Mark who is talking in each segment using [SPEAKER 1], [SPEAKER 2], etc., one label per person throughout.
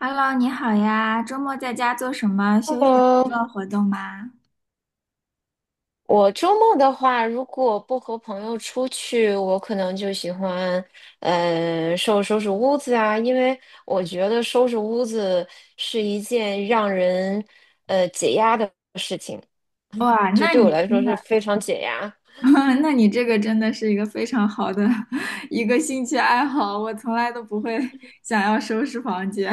[SPEAKER 1] Hello，你好呀，周末在家做什么休闲娱
[SPEAKER 2] 喽，
[SPEAKER 1] 乐活动吗？
[SPEAKER 2] 我周末的话，如果不和朋友出去，我可能就喜欢，收拾收拾屋子啊，因为我觉得收拾屋子是一件让人，解压的事情，
[SPEAKER 1] 哇，
[SPEAKER 2] 就
[SPEAKER 1] 那
[SPEAKER 2] 对我
[SPEAKER 1] 你
[SPEAKER 2] 来说
[SPEAKER 1] 真的，
[SPEAKER 2] 是非常解压。
[SPEAKER 1] 那你这个真的是一个非常好的 一个兴趣爱好，我从来都不会 想要收拾房间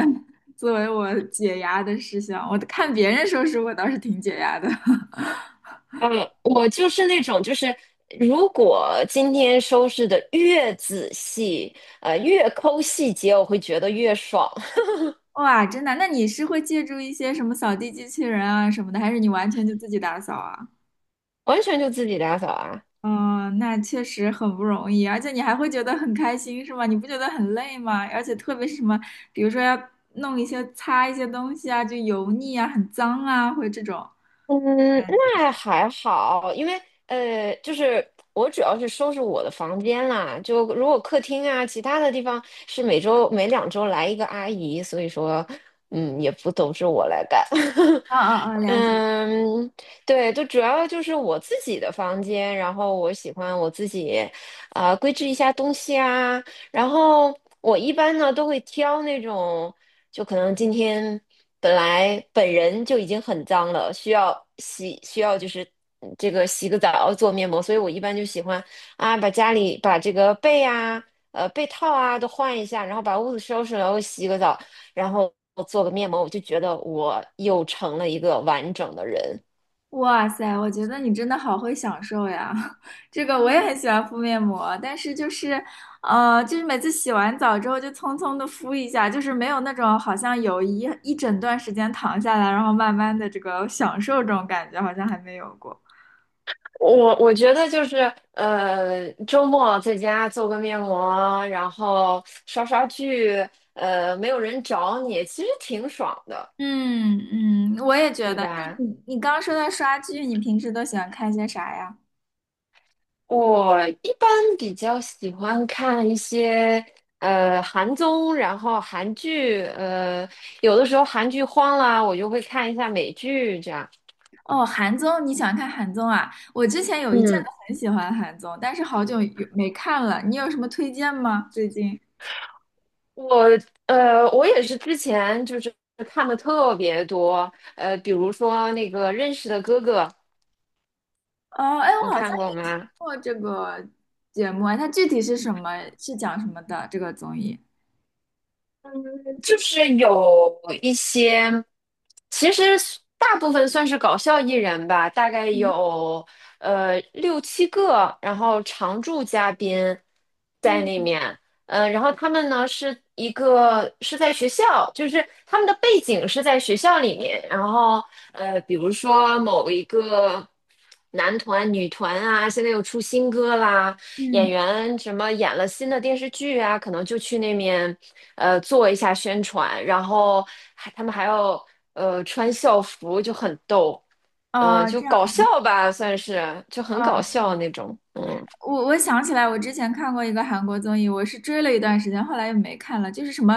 [SPEAKER 1] 作为我解压的事项，我看别人收拾我倒是挺解压的。
[SPEAKER 2] 嗯，我就是那种，就是如果今天收拾的越仔细，越抠细节，我会觉得越爽，
[SPEAKER 1] 哇，真的，那你是会借助一些什么扫地机器人啊什么的，还是你完全就自己打扫啊？
[SPEAKER 2] 完全就自己打扫啊。
[SPEAKER 1] 嗯，那确实很不容易，而且你还会觉得很开心，是吗？你不觉得很累吗？而且特别是什么，比如说要弄一些擦一些东西啊，就油腻啊、很脏啊，会这种
[SPEAKER 2] 嗯，
[SPEAKER 1] 感觉。
[SPEAKER 2] 那还好，因为就是我主要是收拾我的房间啦，就如果客厅啊，其他的地方是每周每两周来一个阿姨，所以说，嗯，也不都是我来干。
[SPEAKER 1] 啊啊啊！了解。
[SPEAKER 2] 嗯，对，就主要就是我自己的房间，然后我喜欢我自己，规制一下东西啊，然后我一般呢都会挑那种。就可能今天本来本人就已经很脏了，需要洗，需要就是这个洗个澡做面膜，所以我一般就喜欢啊，把家里把这个被啊、被套啊都换一下，然后把屋子收拾了，然后洗个澡，然后做个面膜，我就觉得我又成了一个完整的人。
[SPEAKER 1] 哇塞，我觉得你真的好会享受呀！这个我也很喜欢敷面膜，但是就是，就是每次洗完澡之后就匆匆的敷一下，就是没有那种好像有一整段时间躺下来，然后慢慢的这个享受这种感觉，好像还没有过。
[SPEAKER 2] 我觉得就是周末在家做个面膜，然后刷刷剧，没有人找你，其实挺爽的。
[SPEAKER 1] 嗯嗯，我也觉
[SPEAKER 2] 对
[SPEAKER 1] 得。
[SPEAKER 2] 吧？
[SPEAKER 1] 你刚刚说到刷剧，你平时都喜欢看些啥呀？
[SPEAKER 2] 我一般比较喜欢看一些韩综，然后韩剧，有的时候韩剧荒了，我就会看一下美剧这样。
[SPEAKER 1] 哦，韩综，你喜欢看韩综啊？我之前有一阵子
[SPEAKER 2] 嗯，
[SPEAKER 1] 很喜欢韩综，但是好久有没看了。你有什么推荐吗？最近？
[SPEAKER 2] 我我也是之前就是看的特别多，比如说那个《认识的哥哥》，
[SPEAKER 1] 哦，哎，
[SPEAKER 2] 你
[SPEAKER 1] 我好像
[SPEAKER 2] 看过
[SPEAKER 1] 也听
[SPEAKER 2] 吗？
[SPEAKER 1] 过这个节目啊，它具体是什么？是讲什么的？这个综艺？
[SPEAKER 2] 嗯，就是有一些，其实大部分算是搞笑艺人吧，大概
[SPEAKER 1] 嗯
[SPEAKER 2] 有六七个，然后常驻嘉宾在那
[SPEAKER 1] 嗯
[SPEAKER 2] 面，然后他们呢是一个是在学校，就是他们的背景是在学校里面，然后比如说某一个男团、女团啊，现在又出新歌啦，演
[SPEAKER 1] 嗯，
[SPEAKER 2] 员什么演了新的电视剧啊，可能就去那面做一下宣传，然后还他们还要穿校服，就很逗，
[SPEAKER 1] 哦，
[SPEAKER 2] 就
[SPEAKER 1] 这样。
[SPEAKER 2] 搞笑吧，算是就很搞
[SPEAKER 1] 哦，
[SPEAKER 2] 笑那种，嗯。
[SPEAKER 1] 我想起来，我之前看过一个韩国综艺，我是追了一段时间，后来又没看了，就是什么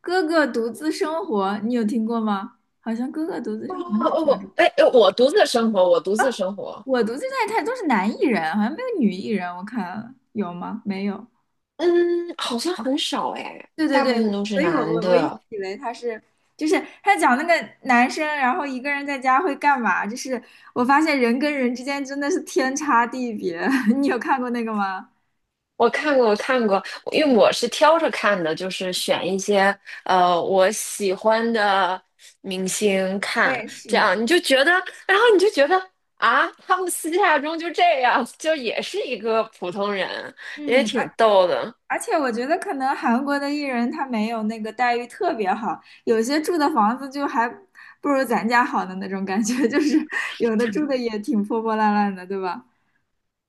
[SPEAKER 1] 《哥哥独自生活》，你有听过吗？好像《哥哥独自
[SPEAKER 2] 哦
[SPEAKER 1] 生活》好像是
[SPEAKER 2] 哦，
[SPEAKER 1] 这样的。
[SPEAKER 2] 我哎，哎我独自生活，我独自生活。
[SPEAKER 1] 我独自在看都是男艺人，好像没有女艺人，我看了有吗？没有。
[SPEAKER 2] 嗯，好像很少哎，
[SPEAKER 1] 对对
[SPEAKER 2] 大部
[SPEAKER 1] 对，
[SPEAKER 2] 分都是
[SPEAKER 1] 所以我
[SPEAKER 2] 男
[SPEAKER 1] 我我一直
[SPEAKER 2] 的。
[SPEAKER 1] 以为他是，就是他讲那个男生，然后一个人在家会干嘛？就是我发现人跟人之间真的是天差地别。你有看过那个吗？
[SPEAKER 2] 我看过，我看过，因为我是挑着看的，就是选一些我喜欢的明星
[SPEAKER 1] 我
[SPEAKER 2] 看，
[SPEAKER 1] 也
[SPEAKER 2] 这
[SPEAKER 1] 是。
[SPEAKER 2] 样你就觉得，然后你就觉得啊，他们私下中就这样，就也是一个普通人，也
[SPEAKER 1] 嗯。
[SPEAKER 2] 挺逗的。
[SPEAKER 1] 而且我觉得可能韩国的艺人他没有那个待遇特别好，有些住的房子就还不如咱家好的那种感觉，就是有的住的也挺破破烂烂的，对吧？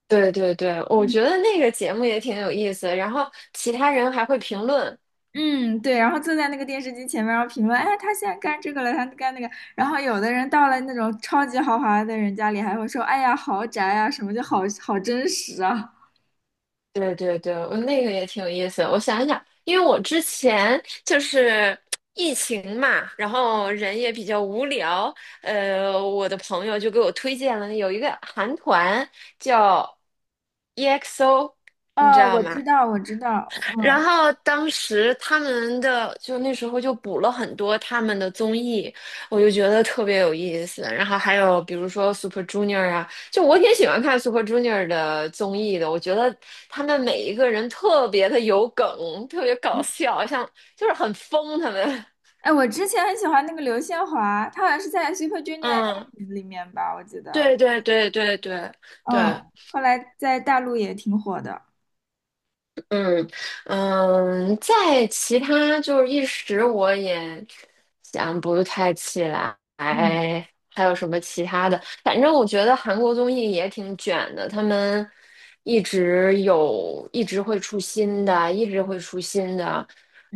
[SPEAKER 2] 对对对，我
[SPEAKER 1] 嗯
[SPEAKER 2] 觉得那个节目也挺有意思，然后其他人还会评论，
[SPEAKER 1] 嗯，对，然后坐在那个电视机前面，然后评论，哎，他现在干这个了，他干那个，然后有的人到了那种超级豪华的人家里，还会说，哎呀，豪宅啊，什么就好好真实啊。
[SPEAKER 2] 对对对，我那个也挺有意思。我想一想，因为我之前就是疫情嘛，然后人也比较无聊，我的朋友就给我推荐了有一个韩团叫 EXO,你知
[SPEAKER 1] 哦，
[SPEAKER 2] 道
[SPEAKER 1] 我
[SPEAKER 2] 吗？
[SPEAKER 1] 知道，我知道，
[SPEAKER 2] 然
[SPEAKER 1] 嗯。
[SPEAKER 2] 后当时他们的就那时候就补了很多他们的综艺，我就觉得特别有意思。然后还有比如说 Super Junior 啊，就我挺喜欢看 Super Junior 的综艺的。我觉得他们每一个人特别的有梗，特别搞笑，像就是很疯他们。
[SPEAKER 1] 哎，我之前很喜欢那个刘宪华，他好像是在 Super Junior
[SPEAKER 2] 嗯，
[SPEAKER 1] M 里面吧，我记得。
[SPEAKER 2] 对对对对对对。
[SPEAKER 1] 嗯，后来在大陆也挺火的。
[SPEAKER 2] 嗯嗯，在其他就是一时我也想不太起来，
[SPEAKER 1] 嗯
[SPEAKER 2] 还有什么其他的？反正我觉得韩国综艺也挺卷的，他们一直有，一直会出新的，一直会出新的，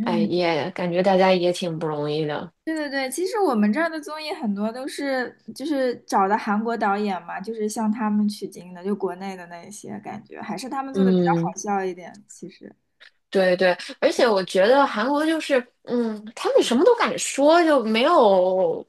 [SPEAKER 2] 哎，也感觉大家也挺不容易的。
[SPEAKER 1] 对对对，其实我们这儿的综艺很多都是就是找的韩国导演嘛，就是向他们取经的，就国内的那一些感觉，还是他们做的比较好
[SPEAKER 2] 嗯。
[SPEAKER 1] 笑一点，其实。
[SPEAKER 2] 对对，而且我觉得韩国就是，嗯，他们什么都敢说，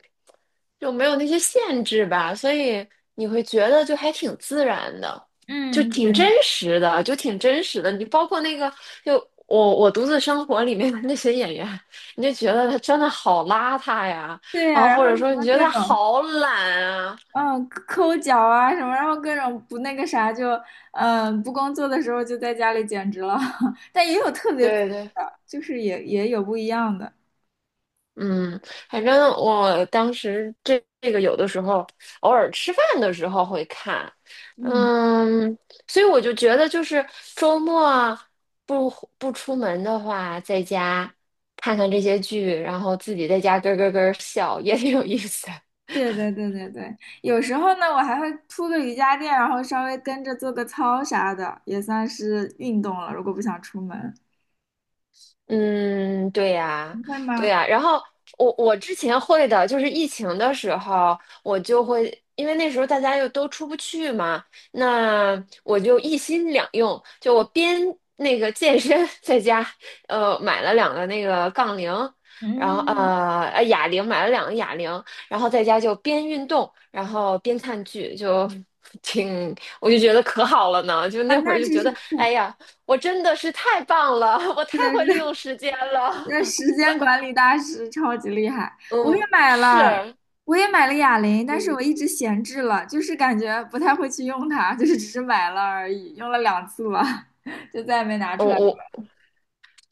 [SPEAKER 2] 就没有那些限制吧，所以你会觉得就还挺自然的，
[SPEAKER 1] 嗯，对
[SPEAKER 2] 就挺真实的。你包括那个，就我独自生活里面的那些演员，你就觉得他真的好邋遢呀，
[SPEAKER 1] 对
[SPEAKER 2] 然
[SPEAKER 1] 呀、
[SPEAKER 2] 后
[SPEAKER 1] 然
[SPEAKER 2] 或
[SPEAKER 1] 后
[SPEAKER 2] 者
[SPEAKER 1] 什
[SPEAKER 2] 说你
[SPEAKER 1] 么
[SPEAKER 2] 觉得
[SPEAKER 1] 各
[SPEAKER 2] 他
[SPEAKER 1] 种。
[SPEAKER 2] 好懒啊，
[SPEAKER 1] 嗯，抠脚啊什么，然后各种不那个啥就，嗯，不工作的时候就在家里简直了，但也有特别自律
[SPEAKER 2] 对对。
[SPEAKER 1] 的，就是也有不一样的。
[SPEAKER 2] 嗯，反正我当时这个有的时候偶尔吃饭的时候会看，
[SPEAKER 1] 嗯，
[SPEAKER 2] 嗯，所以我就觉得就是周末不不出门的话，在家看看这些剧，然后自己在家咯咯咯笑也挺有意思。
[SPEAKER 1] 对对对对对，有时候呢，我还会铺个瑜伽垫，然后稍微跟着做个操啥的，也算是运动了。如果不想出门，
[SPEAKER 2] 嗯，对呀，
[SPEAKER 1] 你会
[SPEAKER 2] 对
[SPEAKER 1] 吗？
[SPEAKER 2] 呀。然后我之前会的，就是疫情的时候，我就会，因为那时候大家又都出不去嘛，那我就一心两用，就我边那个健身，在家，买了两个那个杠铃，然后
[SPEAKER 1] 嗯，
[SPEAKER 2] 哑铃，买了两个哑铃，然后在家就边运动，然后边看剧，就 挺，我就觉得可好了呢，就
[SPEAKER 1] 啊，
[SPEAKER 2] 那会
[SPEAKER 1] 那
[SPEAKER 2] 儿就
[SPEAKER 1] 真
[SPEAKER 2] 觉
[SPEAKER 1] 是
[SPEAKER 2] 得，
[SPEAKER 1] 不错。
[SPEAKER 2] 哎呀。我真的是太棒了，我太
[SPEAKER 1] 是的，
[SPEAKER 2] 会
[SPEAKER 1] 是
[SPEAKER 2] 利用
[SPEAKER 1] 的。
[SPEAKER 2] 时间了。
[SPEAKER 1] 那 时间管理大师超级厉害，我也
[SPEAKER 2] 嗯，
[SPEAKER 1] 买
[SPEAKER 2] 是，
[SPEAKER 1] 了，
[SPEAKER 2] 嗯，
[SPEAKER 1] 我也买了哑铃，但是我一直闲置了，就是感觉不太会去用它，就是只是买了而已，用了两次吧，就再也没拿
[SPEAKER 2] 我
[SPEAKER 1] 出来。
[SPEAKER 2] 我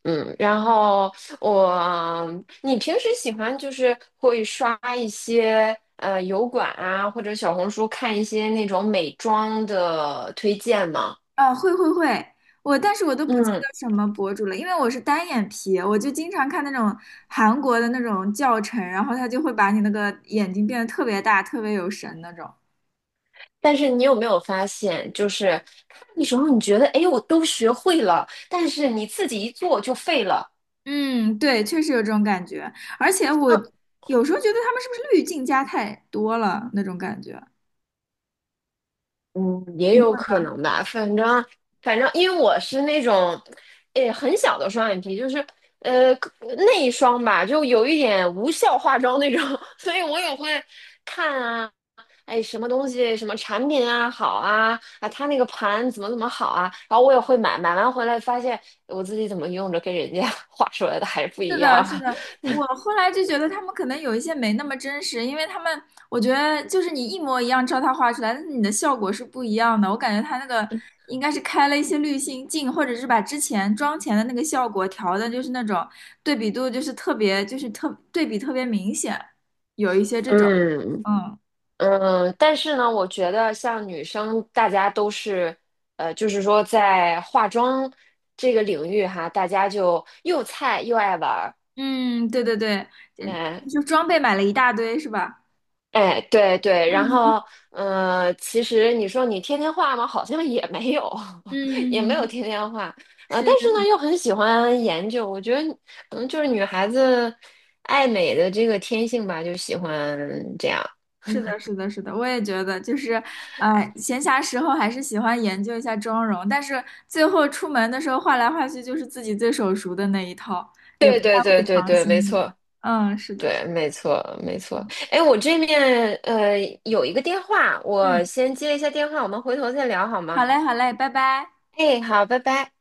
[SPEAKER 2] 嗯，然后我，你平时喜欢就是会刷一些油管啊，或者小红书看一些那种美妆的推荐吗？
[SPEAKER 1] 啊，会会会，我但是我都不记
[SPEAKER 2] 嗯，
[SPEAKER 1] 得什么博主了，因为我是单眼皮，我就经常看那种韩国的那种教程，然后他就会把你那个眼睛变得特别大，特别有神那种。
[SPEAKER 2] 但是你有没有发现，就是看的时候你觉得，哎，我都学会了，但是你自己一做就废了。
[SPEAKER 1] 嗯，对，确实有这种感觉，而且我有时候觉得他们是不是滤镜加太多了那种感觉。
[SPEAKER 2] 嗯，也
[SPEAKER 1] 你会
[SPEAKER 2] 有可能吧，反正,因为我是那种，诶，很小的双眼皮，就是内双吧，就有一点无效化妆那种，所以我也会看啊，哎，什么东西什么产品啊好啊啊，它那个盘怎么怎么好啊，然后我也会买，买完回来发现我自己怎么用着跟人家 画出来的还不
[SPEAKER 1] 是
[SPEAKER 2] 一
[SPEAKER 1] 的，
[SPEAKER 2] 样，
[SPEAKER 1] 是的，我后来就觉得他们可能有一些没那么真实，因为他们，我觉得就是你一模一样照他画出来，但是你的效果是不一样的。我感觉他那个应该是开了一些滤镜镜，或者是把之前妆前的那个效果调的，就是那种对比度就是特别，就是特对比特别明显，有一些 这种，
[SPEAKER 2] 嗯。
[SPEAKER 1] 嗯。
[SPEAKER 2] 嗯，但是呢，我觉得像女生，大家都是，就是说在化妆这个领域哈，大家就又菜又爱玩儿，
[SPEAKER 1] 嗯，对对对，
[SPEAKER 2] 哎
[SPEAKER 1] 就就装备买了一大堆是吧？
[SPEAKER 2] 哎，对对，然后，其实你说你天天画吗？好像也没有，也没有
[SPEAKER 1] 嗯，
[SPEAKER 2] 天天画，但
[SPEAKER 1] 是
[SPEAKER 2] 是呢，又很喜欢研究，我觉得可能就是女孩子爱美的这个天性吧，就喜欢这样。
[SPEAKER 1] 是的，是的，是的，我也觉得，就是，闲暇时候还是喜欢研究一下妆容，但是最后出门的时候换来换去就是自己最手熟的那一套，也不
[SPEAKER 2] 对
[SPEAKER 1] 太
[SPEAKER 2] 对
[SPEAKER 1] 会
[SPEAKER 2] 对对
[SPEAKER 1] 尝
[SPEAKER 2] 对，没
[SPEAKER 1] 新的。
[SPEAKER 2] 错。
[SPEAKER 1] 嗯，是的，是
[SPEAKER 2] 对，
[SPEAKER 1] 的，
[SPEAKER 2] 没错，没错。哎，我这面有一个电话，我
[SPEAKER 1] 嗯，
[SPEAKER 2] 先接一下电话，我们回头再聊好
[SPEAKER 1] 好
[SPEAKER 2] 吗？
[SPEAKER 1] 嘞，好嘞，拜拜。
[SPEAKER 2] 哎，好，拜拜。